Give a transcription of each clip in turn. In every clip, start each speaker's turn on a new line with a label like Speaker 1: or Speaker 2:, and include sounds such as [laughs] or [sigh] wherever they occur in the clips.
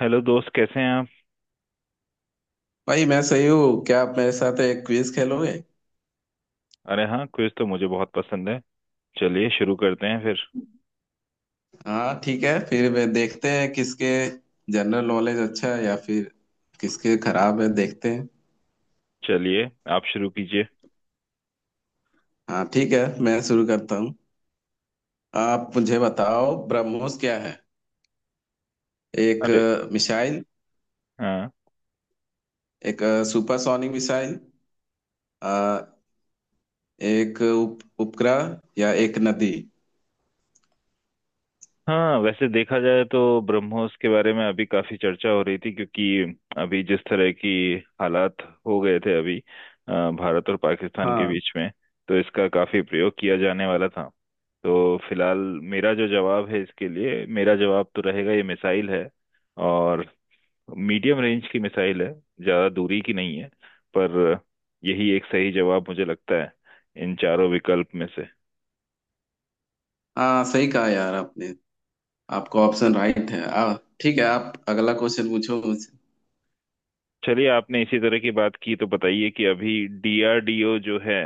Speaker 1: Hello दोस्त, कैसे हैं आप।
Speaker 2: भाई मैं सही हूँ। क्या आप मेरे साथ एक क्विज खेलोगे?
Speaker 1: अरे हाँ, क्विज तो मुझे बहुत पसंद है। चलिए शुरू करते हैं फिर।
Speaker 2: हाँ ठीक है, फिर वे देखते हैं किसके जनरल नॉलेज अच्छा है या फिर किसके खराब है, देखते हैं।
Speaker 1: चलिए, आप शुरू कीजिए।
Speaker 2: हाँ ठीक है, मैं शुरू करता हूँ। आप मुझे बताओ, ब्रह्मोस क्या है? एक
Speaker 1: अरे
Speaker 2: मिसाइल,
Speaker 1: हाँ।
Speaker 2: एक सुपरसोनिक मिसाइल, अ, एक उपग्रह, या एक नदी?
Speaker 1: हाँ, वैसे देखा जाए तो ब्रह्मोस के बारे में अभी काफी चर्चा हो रही थी, क्योंकि अभी जिस तरह की हालात हो गए थे अभी भारत और पाकिस्तान के
Speaker 2: हाँ,
Speaker 1: बीच में, तो इसका काफी प्रयोग किया जाने वाला था। तो फिलहाल मेरा जो जवाब है, इसके लिए मेरा जवाब तो रहेगा ये मिसाइल है, और मीडियम रेंज की मिसाइल है, ज्यादा दूरी की नहीं है। पर यही एक सही जवाब मुझे लगता है इन चारों विकल्प में से।
Speaker 2: हाँ, सही कहा यार आपने। आपका ऑप्शन राइट है। ठीक है, आप अगला क्वेश्चन पूछो मुझसे।
Speaker 1: चलिए, आपने इसी तरह की बात की तो बताइए कि अभी डीआरडीओ जो है,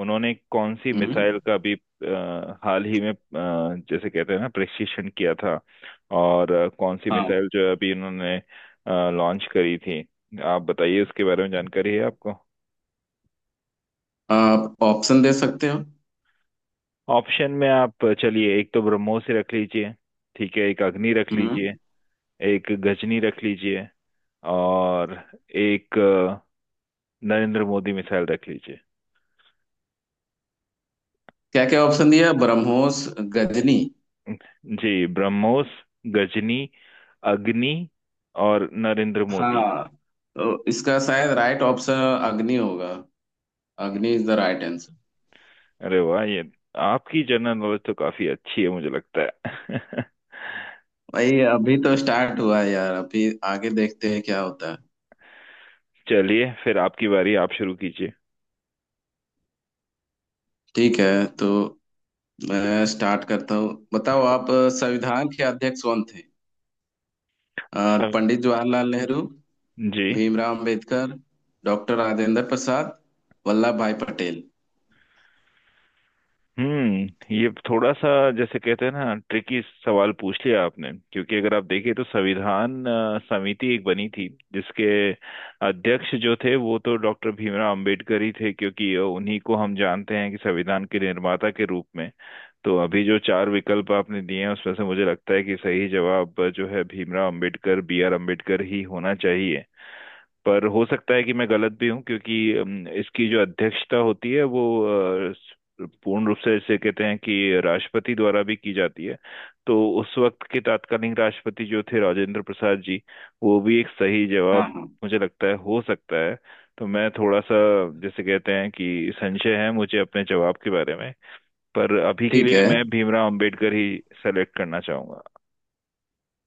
Speaker 1: उन्होंने कौन सी मिसाइल का भी हाल ही में जैसे कहते हैं ना प्रशिक्षण किया था, और कौन सी
Speaker 2: हम्म।
Speaker 1: मिसाइल जो है अभी उन्होंने लॉन्च करी थी। आप बताइए, उसके बारे में जानकारी है आपको।
Speaker 2: आप ऑप्शन दे सकते हो।
Speaker 1: ऑप्शन में आप चलिए एक तो ब्रह्मोस ही रख लीजिए, ठीक है, एक अग्नि रख
Speaker 2: हम्म,
Speaker 1: लीजिए, एक गजनी रख लीजिए, और एक नरेंद्र मोदी मिसाइल रख लीजिए।
Speaker 2: क्या क्या ऑप्शन दिया? ब्रह्मोस, गजनी।
Speaker 1: जी, ब्रह्मोस, गजनी, अग्नि और नरेंद्र मोदी।
Speaker 2: हाँ, तो इसका शायद राइट ऑप्शन अग्नि होगा। Agni is the right answer.
Speaker 1: अरे वाह, ये आपकी जनरल नॉलेज तो काफी अच्छी है मुझे लगता है।
Speaker 2: भाई, अभी तो स्टार्ट हुआ है यार, अभी आगे देखते हैं क्या होता है।
Speaker 1: [laughs] चलिए फिर, आपकी बारी, आप शुरू कीजिए।
Speaker 2: ठीक है, तो मैं स्टार्ट करता हूँ। बताओ आप, संविधान के अध्यक्ष कौन थे? अ,
Speaker 1: सब।
Speaker 2: पंडित जवाहरलाल नेहरू,
Speaker 1: जी।
Speaker 2: भीमराव अंबेडकर, डॉक्टर राजेंद्र प्रसाद, वल्लभ भाई पटेल।
Speaker 1: हम्म, ये थोड़ा सा जैसे कहते हैं ना ट्रिकी सवाल पूछ लिया आपने, क्योंकि अगर आप देखें तो संविधान समिति एक बनी थी, जिसके अध्यक्ष जो थे वो तो डॉक्टर भीमराव अंबेडकर ही थे, क्योंकि उन्हीं को हम जानते हैं कि संविधान के निर्माता के रूप में। तो अभी जो चार विकल्प आपने दिए हैं, उसमें से मुझे लगता है कि सही जवाब जो है भीमराव अंबेडकर, बी आर अम्बेडकर ही होना चाहिए। पर हो सकता है कि मैं गलत भी हूँ, क्योंकि इसकी जो अध्यक्षता होती है वो अ, स- पूर्ण रूप से इसे कहते हैं कि राष्ट्रपति द्वारा भी की जाती है। तो उस वक्त के तात्कालीन राष्ट्रपति जो थे, राजेंद्र प्रसाद जी, वो भी एक सही
Speaker 2: हाँ,
Speaker 1: जवाब
Speaker 2: हाँ।
Speaker 1: मुझे लगता है हो सकता है। तो मैं थोड़ा सा जैसे कहते हैं कि संशय है मुझे अपने जवाब के बारे में। पर अभी के
Speaker 2: ठीक
Speaker 1: लिए
Speaker 2: है,
Speaker 1: मैं भीमराव अंबेडकर ही सेलेक्ट करना चाहूंगा।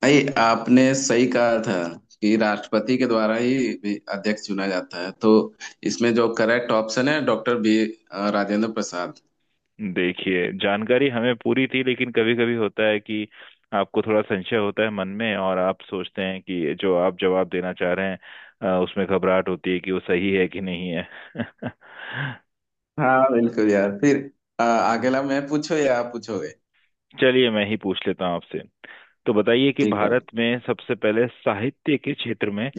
Speaker 2: भाई आपने सही कहा था कि राष्ट्रपति के द्वारा ही भी अध्यक्ष चुना जाता है, तो इसमें जो करेक्ट ऑप्शन है, डॉक्टर बी, राजेंद्र प्रसाद।
Speaker 1: देखिए, जानकारी हमें पूरी थी, लेकिन कभी कभी होता है कि आपको थोड़ा संशय होता है मन में, और आप सोचते हैं कि जो आप जवाब देना चाह रहे हैं उसमें घबराहट होती है कि वो सही है कि नहीं है। [laughs]
Speaker 2: हाँ बिल्कुल यार। फिर अगला मैं पूछो या आप पूछोगे?
Speaker 1: चलिए मैं ही पूछ लेता हूँ आपसे। तो बताइए कि
Speaker 2: ठीक है।
Speaker 1: भारत में सबसे पहले साहित्य के क्षेत्र में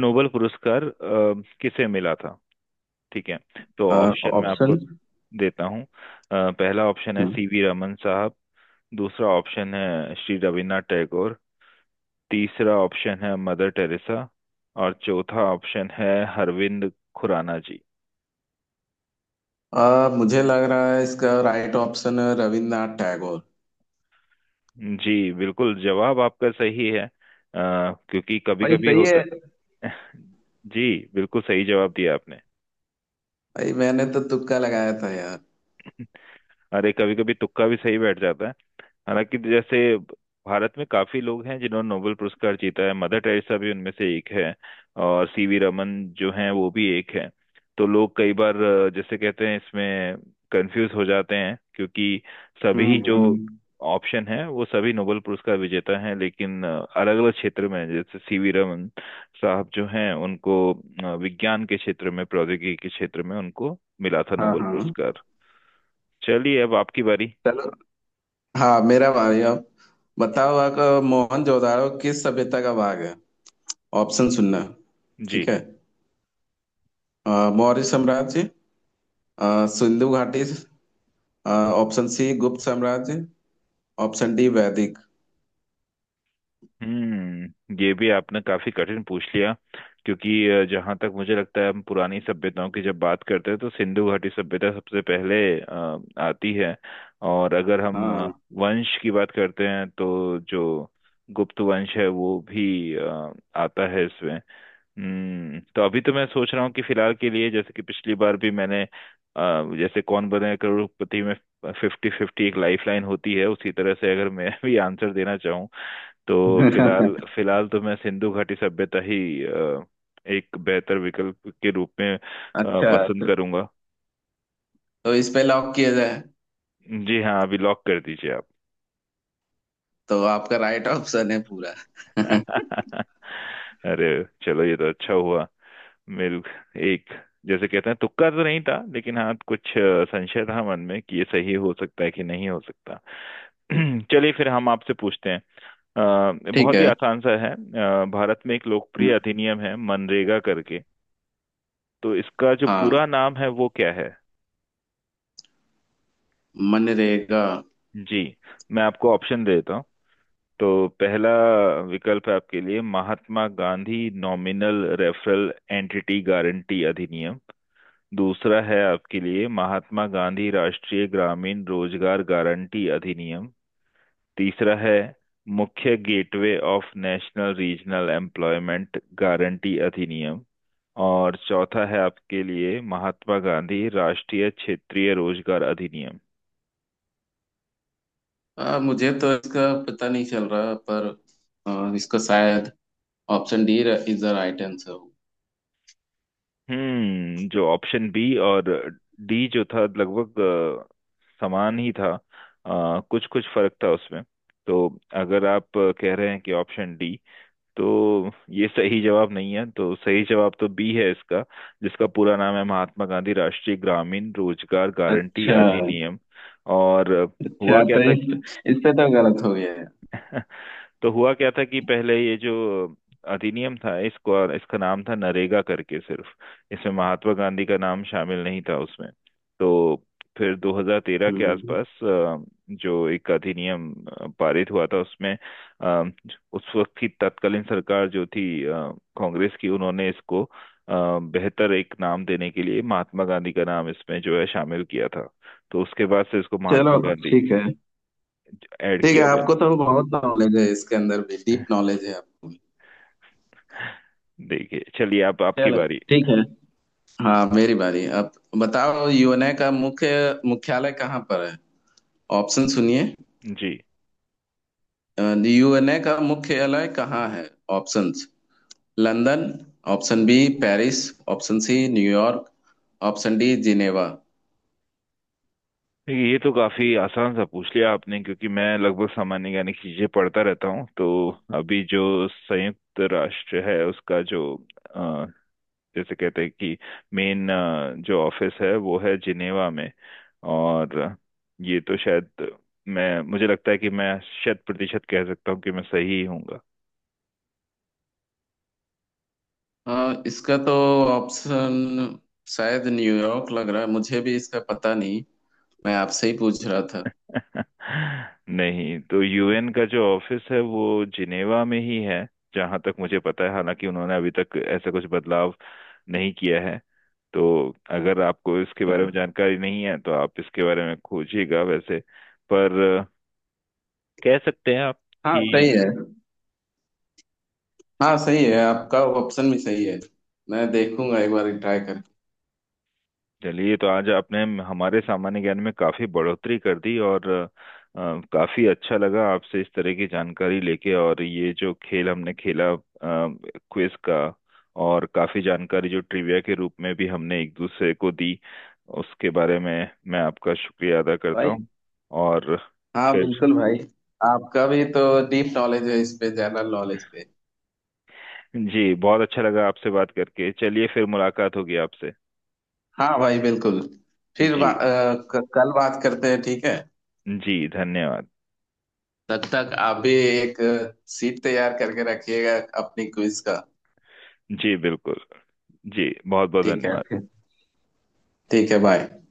Speaker 1: नोबेल पुरस्कार किसे मिला था। ठीक है, तो
Speaker 2: अ,
Speaker 1: ऑप्शन मैं आपको
Speaker 2: ऑप्शन।
Speaker 1: देता हूँ। पहला ऑप्शन है
Speaker 2: हम्म।
Speaker 1: सीवी रमन साहब, दूसरा ऑप्शन है श्री रविन्द्रनाथ टैगोर, तीसरा ऑप्शन है मदर टेरेसा, और चौथा ऑप्शन है अरविंद खुराना जी।
Speaker 2: मुझे लग रहा है इसका राइट ऑप्शन है रविन्द्रनाथ टैगोर।
Speaker 1: जी बिल्कुल, जवाब आपका सही है। क्योंकि कभी
Speaker 2: भाई
Speaker 1: कभी
Speaker 2: सही
Speaker 1: होता
Speaker 2: है।
Speaker 1: [laughs] है। जी, बिल्कुल सही जवाब दिया आपने।
Speaker 2: भाई मैंने तो तुक्का लगाया था यार।
Speaker 1: [laughs] अरे कभी कभी तुक्का भी सही बैठ जाता है। हालांकि जैसे भारत में काफी लोग हैं जिन्होंने नोबेल पुरस्कार जीता है, मदर टेरेसा भी उनमें से एक है, और सीवी रमन जो हैं वो भी एक हैं। तो लोग कई बार जैसे कहते हैं इसमें कंफ्यूज हो जाते हैं, क्योंकि सभी
Speaker 2: हम्म।
Speaker 1: जो
Speaker 2: हम्म।
Speaker 1: ऑप्शन है वो सभी नोबेल पुरस्कार विजेता हैं, लेकिन अलग अलग क्षेत्र में हैं। जैसे सीवी रमन साहब जो हैं उनको विज्ञान के क्षेत्र में, प्रौद्योगिकी के क्षेत्र में उनको मिला था
Speaker 2: हाँ,
Speaker 1: नोबेल
Speaker 2: हाँ।
Speaker 1: पुरस्कार। चलिए अब आपकी बारी।
Speaker 2: चलो। हाँ, मेरा भाई अब। बताओ आपका, मोहनजोदाड़ो किस सभ्यता का भाग है? ऑप्शन सुनना।
Speaker 1: जी।
Speaker 2: ठीक है। अ, मौर्य साम्राज्य, सिंधु घाटी, ऑप्शन सी गुप्त साम्राज्य, ऑप्शन डी वैदिक।
Speaker 1: हम्म, ये भी आपने काफी कठिन पूछ लिया, क्योंकि जहाँ तक मुझे लगता है हम पुरानी सभ्यताओं की जब बात करते हैं तो सिंधु घाटी सभ्यता सबसे पहले अ, आती है। और अगर हम
Speaker 2: हाँ।
Speaker 1: वंश की बात करते हैं तो जो गुप्त वंश है वो भी आता है इसमें। हम्म, तो अभी तो मैं सोच रहा हूँ कि फिलहाल के लिए, जैसे कि पिछली बार भी मैंने जैसे कौन बने करोड़पति में फिफ्टी फिफ्टी एक लाइफ लाइन होती है, उसी तरह से अगर मैं भी आंसर देना, तो फिलहाल
Speaker 2: [laughs]
Speaker 1: फिलहाल तो मैं सिंधु घाटी सभ्यता ही अ, एक बेहतर विकल्प के रूप में
Speaker 2: अच्छा।
Speaker 1: पसंद
Speaker 2: तो,
Speaker 1: करूंगा।
Speaker 2: तो इस पे लॉक किया जाए?
Speaker 1: जी हाँ, अभी लॉक कर दीजिए आप।
Speaker 2: तो आपका राइट ऑप्शन है पूरा। [laughs]
Speaker 1: [laughs] अरे, चलो ये तो अच्छा हुआ, मेरे एक जैसे कहते हैं तुक्का तो नहीं था, लेकिन हाँ कुछ संशय था मन में कि ये सही हो सकता है कि नहीं हो सकता। [clears throat] चलिए फिर हम आपसे पूछते हैं,
Speaker 2: ठीक
Speaker 1: बहुत ही
Speaker 2: है।
Speaker 1: आसान सा है। भारत में एक लोकप्रिय
Speaker 2: हम्म।
Speaker 1: अधिनियम है मनरेगा करके, तो इसका जो
Speaker 2: हाँ,
Speaker 1: पूरा नाम है वो क्या है।
Speaker 2: मनरेगा।
Speaker 1: जी, मैं आपको ऑप्शन देता हूँ। तो पहला विकल्प है आपके लिए Mahatma Gandhi nominal referral entity guarantee अधिनियम, दूसरा है आपके लिए महात्मा गांधी राष्ट्रीय ग्रामीण रोजगार गारंटी अधिनियम, तीसरा है मुख्य gateway of national regional employment guarantee अधिनियम, और चौथा है आपके लिए महात्मा गांधी राष्ट्रीय क्षेत्रीय रोजगार अधिनियम।
Speaker 2: मुझे तो इसका पता नहीं चल रहा, पर इसका शायद option D is the right answer.
Speaker 1: हम्म, जो ऑप्शन बी और डी जो था लगभग समान ही था, कुछ कुछ फर्क था उसमें। तो अगर आप कह रहे हैं कि ऑप्शन डी, तो ये सही जवाब नहीं है, तो सही जवाब तो बी है इसका, जिसका पूरा नाम है महात्मा गांधी राष्ट्रीय ग्रामीण रोजगार गारंटी
Speaker 2: अच्छा।
Speaker 1: अधिनियम। और हुआ
Speaker 2: अच्छा,
Speaker 1: क्या
Speaker 2: तो
Speaker 1: था कि
Speaker 2: इस पे तो गलत हो गया है।
Speaker 1: [laughs] तो हुआ क्या था कि पहले ये जो अधिनियम था, इसको इसका नाम था नरेगा करके सिर्फ, इसमें महात्मा गांधी का नाम शामिल नहीं था उसमें। तो फिर 2013 के
Speaker 2: हम्म।
Speaker 1: आसपास जो एक अधिनियम पारित हुआ था उसमें, अ, उस वक्त की तत्कालीन सरकार जो थी कांग्रेस की, उन्होंने इसको बेहतर एक नाम देने के लिए महात्मा गांधी का नाम इसमें जो है शामिल किया था। तो उसके बाद से इसको महात्मा
Speaker 2: चलो
Speaker 1: गांधी
Speaker 2: ठीक है।
Speaker 1: ऐड
Speaker 2: ठीक है,
Speaker 1: किया गया।
Speaker 2: आपको तो बहुत नॉलेज है, इसके अंदर भी डीप नॉलेज है आपको।
Speaker 1: देखिए, चलिए आप, आपकी
Speaker 2: चलो।
Speaker 1: बारी।
Speaker 2: ठीक है। हाँ मेरी बारी अब। बताओ, यूएनए का मुख्यालय कहाँ पर है? ऑप्शन सुनिए।
Speaker 1: जी।
Speaker 2: यूएनए का मुख्यालय कहाँ है? Options London, option B Paris, option C New York, option D Geneva.
Speaker 1: देखिए, ये तो काफी आसान सा पूछ लिया आपने, क्योंकि मैं लगभग सामान्य ज्ञान की चीजें पढ़ता रहता हूँ, तो अभी जो संयुक्त राष्ट्र है उसका जो अ, जैसे कहते हैं कि मेन जो ऑफिस है वो है जिनेवा में। और ये तो शायद, मैं मुझे लगता है कि मैं शत प्रतिशत कह सकता हूँ कि मैं सही ही हूँ।
Speaker 2: हाँ, इसका तो ऑप्शन शायद न्यूयॉर्क लग रहा है। मुझे भी इसका पता नहीं, मैं आपसे ही पूछ रहा था।
Speaker 1: [laughs] नहीं तो यूएन का जो ऑफिस है वो जिनेवा में ही है, जहां तक मुझे पता है। हालांकि उन्होंने अभी तक ऐसा कुछ बदलाव नहीं किया है, तो अगर आपको इसके बारे में
Speaker 2: अच्छा।
Speaker 1: जानकारी नहीं है तो आप इसके बारे में खोजिएगा वैसे। पर कह सकते हैं आप
Speaker 2: हाँ
Speaker 1: कि
Speaker 2: सही है। हाँ सही है, आपका ऑप्शन भी सही है। मैं देखूंगा एक बार ट्राई करके।
Speaker 1: चलिए, तो आज आपने हमारे सामान्य ज्ञान में काफी बढ़ोतरी कर दी, और काफी अच्छा लगा आपसे इस तरह की जानकारी लेके, और ये जो खेल हमने खेला क्विज का, और काफी जानकारी जो ट्रिविया के रूप में भी हमने एक दूसरे को दी, उसके बारे में मैं आपका शुक्रिया अदा करता
Speaker 2: भाई,
Speaker 1: हूँ। और
Speaker 2: हाँ
Speaker 1: फिर
Speaker 2: बिल्कुल भाई। आपका भी तो डीप नॉलेज है इस पे, जनरल नॉलेज पे।
Speaker 1: जी, बहुत अच्छा लगा आपसे बात करके। चलिए फिर मुलाकात होगी आपसे।
Speaker 2: हाँ भाई बिल्कुल। फिर
Speaker 1: जी।
Speaker 2: कल बात करते हैं, ठीक है?
Speaker 1: जी धन्यवाद।
Speaker 2: तब तक आप भी एक सीट तैयार करके रखिएगा अपनी क्विज का।
Speaker 1: जी बिल्कुल। जी बहुत बहुत
Speaker 2: ठीक है
Speaker 1: धन्यवाद।
Speaker 2: फिर। ठीक है, बाय।